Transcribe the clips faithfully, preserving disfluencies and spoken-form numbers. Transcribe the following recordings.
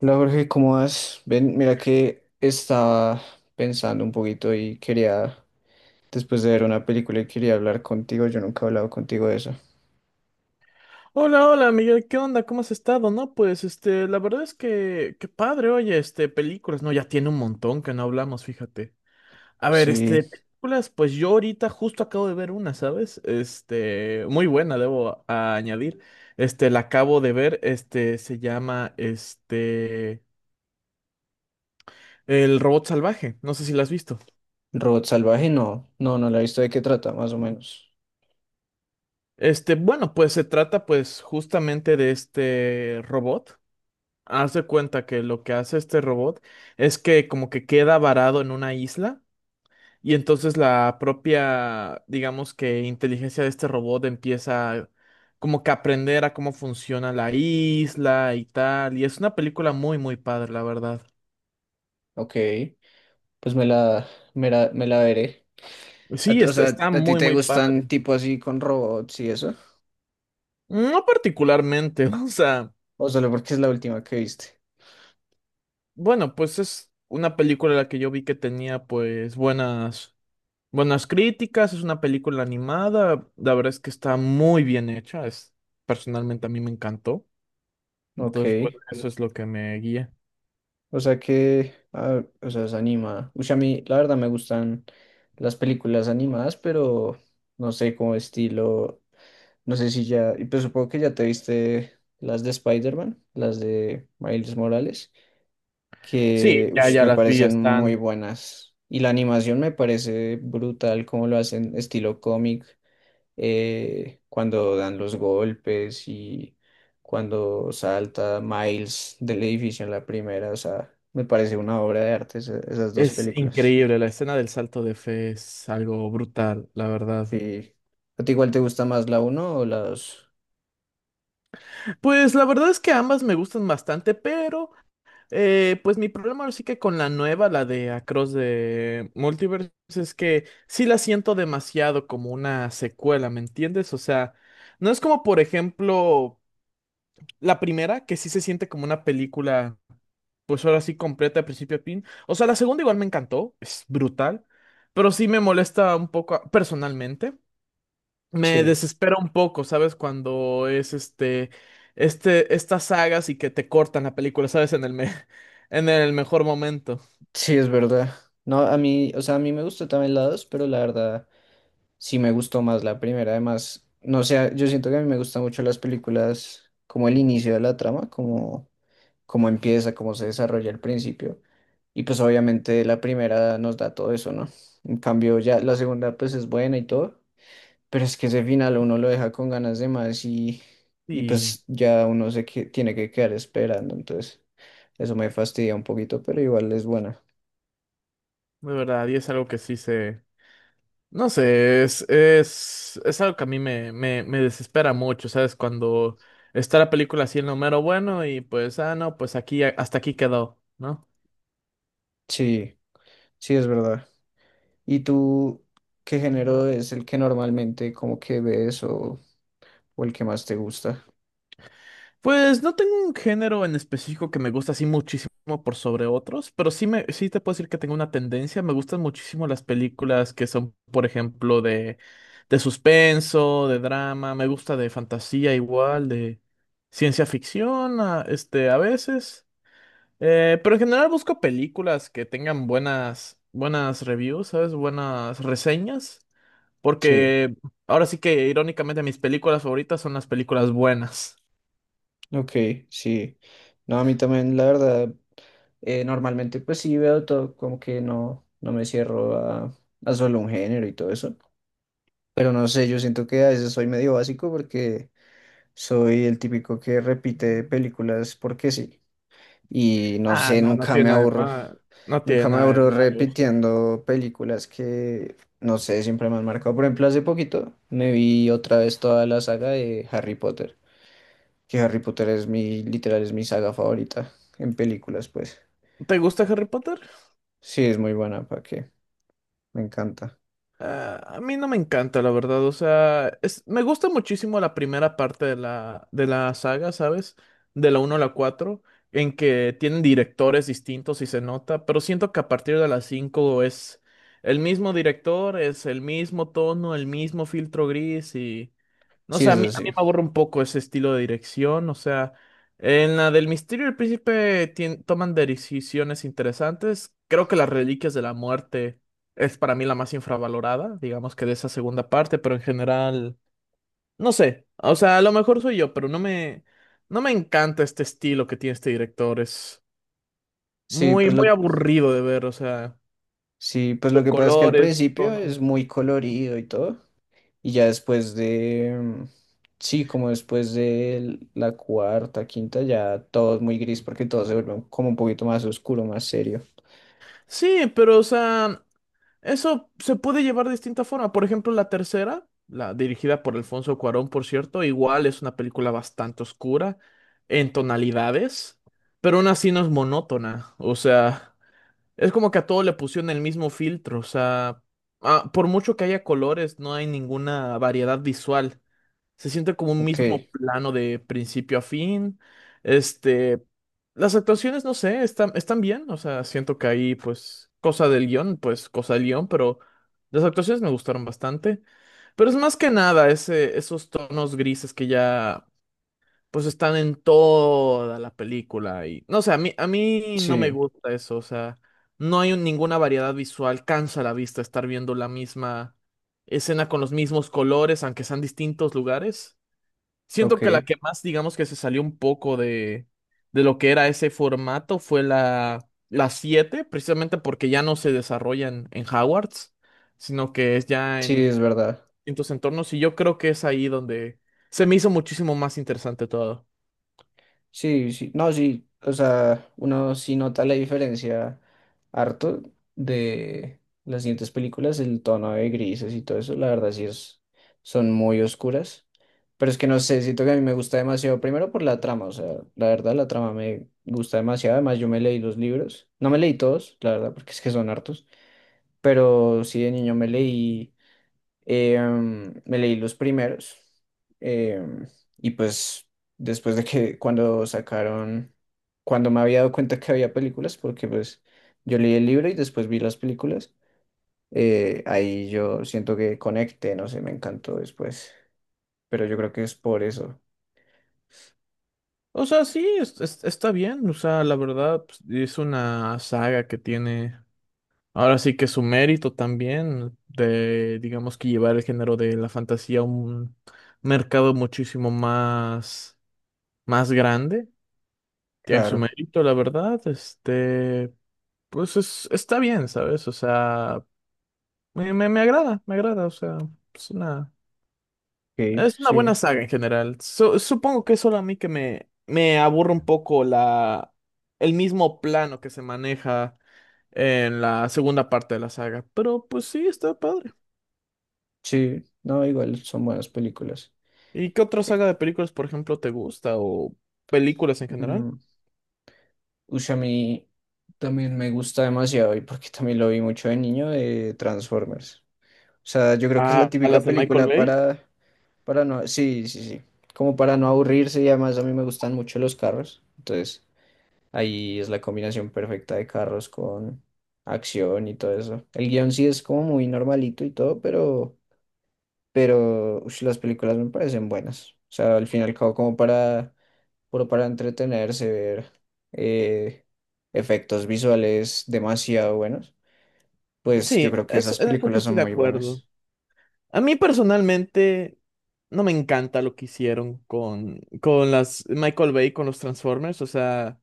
Hola Jorge, ¿cómo vas? Ven, mira que estaba pensando un poquito y quería, después de ver una película y quería hablar contigo, yo nunca he hablado contigo de eso. Hola, hola, Miguel, ¿qué onda? ¿Cómo has estado? No, pues, este, la verdad es que, qué padre, oye, este, películas, no, ya tiene un montón que no hablamos, fíjate. A ver, Sí, este, películas, pues yo ahorita justo acabo de ver una, ¿sabes? Este, muy buena, debo a- añadir. Este, la acabo de ver, este, se llama, este, El Robot Salvaje, no sé si la has visto. Robot Salvaje, no, no, no la he visto de qué trata, más o menos. Este, bueno, pues se trata, pues, justamente de este robot. Haz de cuenta que lo que hace este robot es que como que queda varado en una isla y entonces la propia, digamos que inteligencia de este robot empieza como que a aprender a cómo funciona la isla y tal. Y es una película muy, muy padre, la verdad. Ok, pues me la, me la, me la veré. A Sí, ti- O está, sea, está ¿a ti muy, te muy gustan padre. tipo así con robots y eso? No particularmente, o sea, ¿O solo porque es la última que viste? bueno, pues es una película la que yo vi que tenía pues buenas Buenas críticas. Es una película animada, la verdad es que está muy bien hecha, es, personalmente a mí me encantó, entonces pues Ok. eso es lo que me guía. O sea que, ah, o sea, es animada. Uy, a mí, la verdad, me gustan las películas animadas, pero no sé cómo estilo. No sé si ya. Y pues supongo que ya te viste las de Spider-Man, las de Miles Morales, Sí, que uy, ya, ya me las vi, parecen muy están, buenas. Y la animación me parece brutal, como lo hacen estilo cómic, eh, cuando dan los golpes y cuando salta Miles del edificio en la primera, o sea, me parece una obra de arte esa- esas dos es películas. increíble. La escena del salto de fe es algo brutal, la verdad. Sí. ¿A ti igual te gusta más la uno o la dos? Pues la verdad es que ambas me gustan bastante, pero eh, pues mi problema ahora sí que con la nueva, la de Across the Multiverse, es que sí la siento demasiado como una secuela, ¿me entiendes? O sea, no es como, por ejemplo, la primera, que sí se siente como una película, pues ahora sí completa de principio a fin. O sea, la segunda igual me encantó, es brutal, pero sí me molesta un poco a- personalmente. Me Sí, desespera un poco, ¿sabes? Cuando es este, este, estas sagas y que te cortan la película, ¿sabes? En el me- en el mejor momento. sí, es verdad. No, a mí, o sea, a mí me gustó también la dos, pero la verdad sí me gustó más la primera. Además, no sé, yo siento que a mí me gustan mucho las películas como el inicio de la trama, como cómo empieza, cómo se desarrolla el principio. Y pues obviamente la primera nos da todo eso, ¿no? En cambio ya la segunda pues es buena y todo, pero es que ese final uno lo deja con ganas de más, y, y Y pues ya uno se que, tiene que quedar esperando, entonces eso me fastidia un poquito, pero igual es buena. de verdad, y es algo que sí se, no sé, es, es, es algo que a mí me, me, me desespera mucho, ¿sabes? Cuando está la película así en lo mero bueno y pues, ah, no, pues aquí, hasta aquí quedó, ¿no? Sí, sí es verdad. ¿Y tú qué género es el que normalmente como que ves, o, o el que más te gusta? Pues no tengo un género en específico que me gusta así muchísimo por sobre otros, pero sí, me, sí te puedo decir que tengo una tendencia. Me gustan muchísimo las películas que son, por ejemplo, de, de suspenso, de drama, me gusta de fantasía igual, de ciencia ficción, a- este, a veces. Eh, pero en general busco películas que tengan buenas, buenas reviews, ¿sabes? Buenas reseñas. Sí. Porque ahora sí que irónicamente mis películas favoritas son las películas buenas. Ok, sí. No, a mí también, la verdad, eh, normalmente pues sí veo todo, como que no, no me cierro a, a solo un género y todo eso. Pero no sé, yo siento que a veces soy medio básico porque soy el típico que repite películas porque sí. Y no Ah, sé, no, no nunca tiene me nada de aburro. mal. No tiene Nunca me nada de aburro malo. repitiendo películas que, no sé, siempre me han marcado. Por ejemplo, hace poquito me vi otra vez toda la saga de Harry Potter, que Harry Potter es mi, literal, es mi saga favorita en películas, pues. ¿Te gusta Harry Potter? Sí, es muy buena, ¿para qué? Me encanta. Ah, a mí no me encanta, la verdad. O sea, es- me gusta muchísimo la primera parte de la, de la saga, ¿sabes? De la uno a la cuatro, en que tienen directores distintos y se nota, pero siento que a partir de la cinco es el mismo director, es el mismo tono, el mismo filtro gris y no Sí, sé, a mí, eso a mí me sí. aburre un poco ese estilo de dirección. O sea, en la del Misterio del Príncipe tien- toman decisiones interesantes. Creo que las Reliquias de la Muerte es para mí la más infravalorada, digamos que de esa segunda parte, pero en general, no sé. O sea, a lo mejor soy yo, pero no me, no me encanta este estilo que tiene este director. Es Sí, muy, pues muy lo, aburrido de ver, o sea, sí, pues lo los que pasa es que al colores, los principio es tonos. muy colorido y todo, y ya después de, mm, sí, como después de la cuarta, quinta, ya todo es muy gris porque todo se vuelve como un poquito más oscuro, más serio. Sí, pero o sea, eso se puede llevar de distinta forma. Por ejemplo, la tercera, la dirigida por Alfonso Cuarón, por cierto, igual es una película bastante oscura en tonalidades, pero aún así no es monótona. O sea, es como que a todo le pusieron el mismo filtro, o sea, ah, por mucho que haya colores, no hay ninguna variedad visual. Se siente como un Ok, mismo plano de principio a fin. Este, las actuaciones, no sé, están, están bien, o sea, siento que ahí, pues, cosa del guión, pues, cosa del guión, pero las actuaciones me gustaron bastante. Pero es más que nada ese, esos tonos grises que ya pues están en toda la película y no sé, a mí a mí no me sí, gusta eso, o sea, no hay un- ninguna variedad visual, cansa la vista estar viendo la misma escena con los mismos colores, aunque sean distintos lugares. Siento ok, que la que más, digamos que se salió un poco de, de lo que era ese formato fue la la siete, precisamente porque ya no se desarrolla en, en Hogwarts, sino que es ya sí, en es verdad. distintos entornos y yo creo que es ahí donde se me hizo muchísimo más interesante todo. Sí, sí, no, sí, o sea, uno sí nota la diferencia harto de las siguientes películas, el tono de grises y todo eso, la verdad sí es, son muy oscuras, pero es que no sé, siento que a mí me gusta demasiado, primero por la trama, o sea, la verdad la trama me gusta demasiado, además yo me leí los libros, no me leí todos, la verdad, porque es que son hartos, pero sí de niño me leí Em, me leí los primeros, em, y pues después de que cuando sacaron, cuando me había dado cuenta que había películas, porque pues yo leí el libro y después vi las películas, eh, ahí yo siento que conecté, no sé, me encantó después, pero yo creo que es por eso, O sea, sí, es- es- está bien. O sea, la verdad, pues, es una saga que tiene ahora sí que su mérito también de, digamos que llevar el género de la fantasía a un mercado muchísimo más, más grande. Tiene su claro, mérito, la verdad. Este, pues es, está bien, ¿sabes? O sea, me, me, me agrada, me agrada. O sea, es una... sí, Es una buena sí, saga en general. Su- supongo que es solo a mí que me, me aburre un poco la, el mismo plano que se maneja en la segunda parte de la saga. Pero pues sí, está padre. sí, no, igual son buenas películas. ¿Y qué otra Eh, saga de películas, por ejemplo, te gusta? ¿O películas en general? mm, ush, a mí también me gusta demasiado y porque también lo vi mucho de niño de Transformers. O sea, yo creo que es la Ah, ¿a, típica las de Michael película Bay? para, para no, sí, sí, sí, como para no aburrirse y además a mí me gustan mucho los carros. Entonces, ahí es la combinación perfecta de carros con acción y todo eso. El guión sí es como muy normalito y todo, pero, pero ush, las películas me parecen buenas. O sea, al fin y al cabo como para, puro para entretenerse, ver, eh, efectos visuales demasiado buenos. Pues Sí, yo creo que eso, esas en eso sí películas son estoy de muy acuerdo. buenas. A mí personalmente no me encanta lo que hicieron con, con las Michael Bay, con los Transformers. O sea,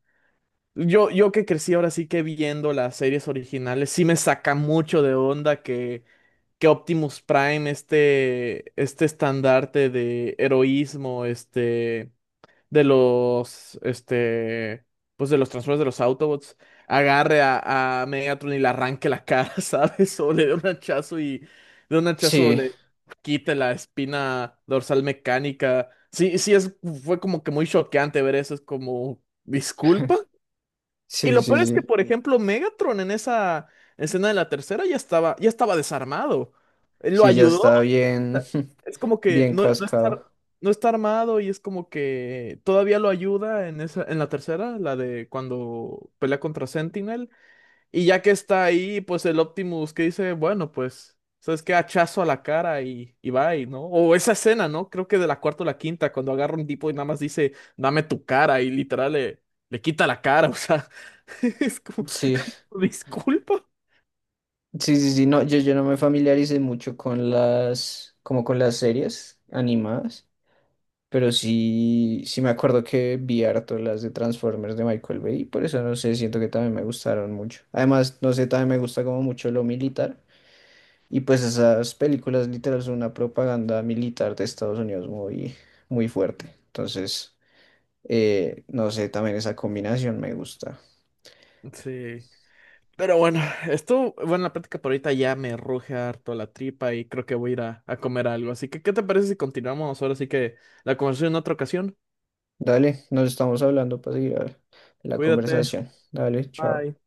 Yo, yo que crecí ahora sí que viendo las series originales, sí me saca mucho de onda que, que Optimus Prime, este, este estandarte de heroísmo, este, de los, este, pues de los Transformers, de los Autobots, agarre a, a Megatron y le arranque la cara, ¿sabes? O le dé un hachazo y de un hachazo Sí, le quite la espina dorsal mecánica. Sí, sí, es, fue como que muy choqueante ver eso, es como, disculpa. Y sí, lo sí, peor es que, sí. por ejemplo, Megatron en esa escena de la tercera ya estaba, ya estaba desarmado. Él lo Sí, ya ayudó. O está bien, sea, es como que bien no, no está, cascado. no está armado y es como que todavía lo ayuda en esa, en la tercera, la de cuando pelea contra Sentinel. Y ya que está ahí, pues el Optimus que dice, bueno, pues, ¿sabes qué? Hachazo a la cara y, y va y, ¿no? O esa escena, ¿no? Creo que de la cuarta o la quinta, cuando agarra un tipo y nada más dice, dame tu cara y literal le, le quita la cara, o sea, es como, Sí, disculpa. sí, sí, sí, no, yo, yo no me familiaricé mucho con las, como con las series animadas, pero sí, sí me acuerdo que vi harto las de Transformers de Michael Bay, y por eso no sé, siento que también me gustaron mucho. Además, no sé, también me gusta como mucho lo militar, y pues esas películas literal son una propaganda militar de Estados Unidos muy, muy fuerte. Entonces, eh, no sé, también esa combinación me gusta. Sí. Pero bueno, esto, bueno, la práctica por ahorita ya me ruge harto la tripa y creo que voy a ir a, a comer algo. Así que, ¿qué te parece si continuamos ahora? Así que la conversación en otra ocasión. Dale, nos estamos hablando para seguir la la Cuídate. conversación. Dale, chao. Bye.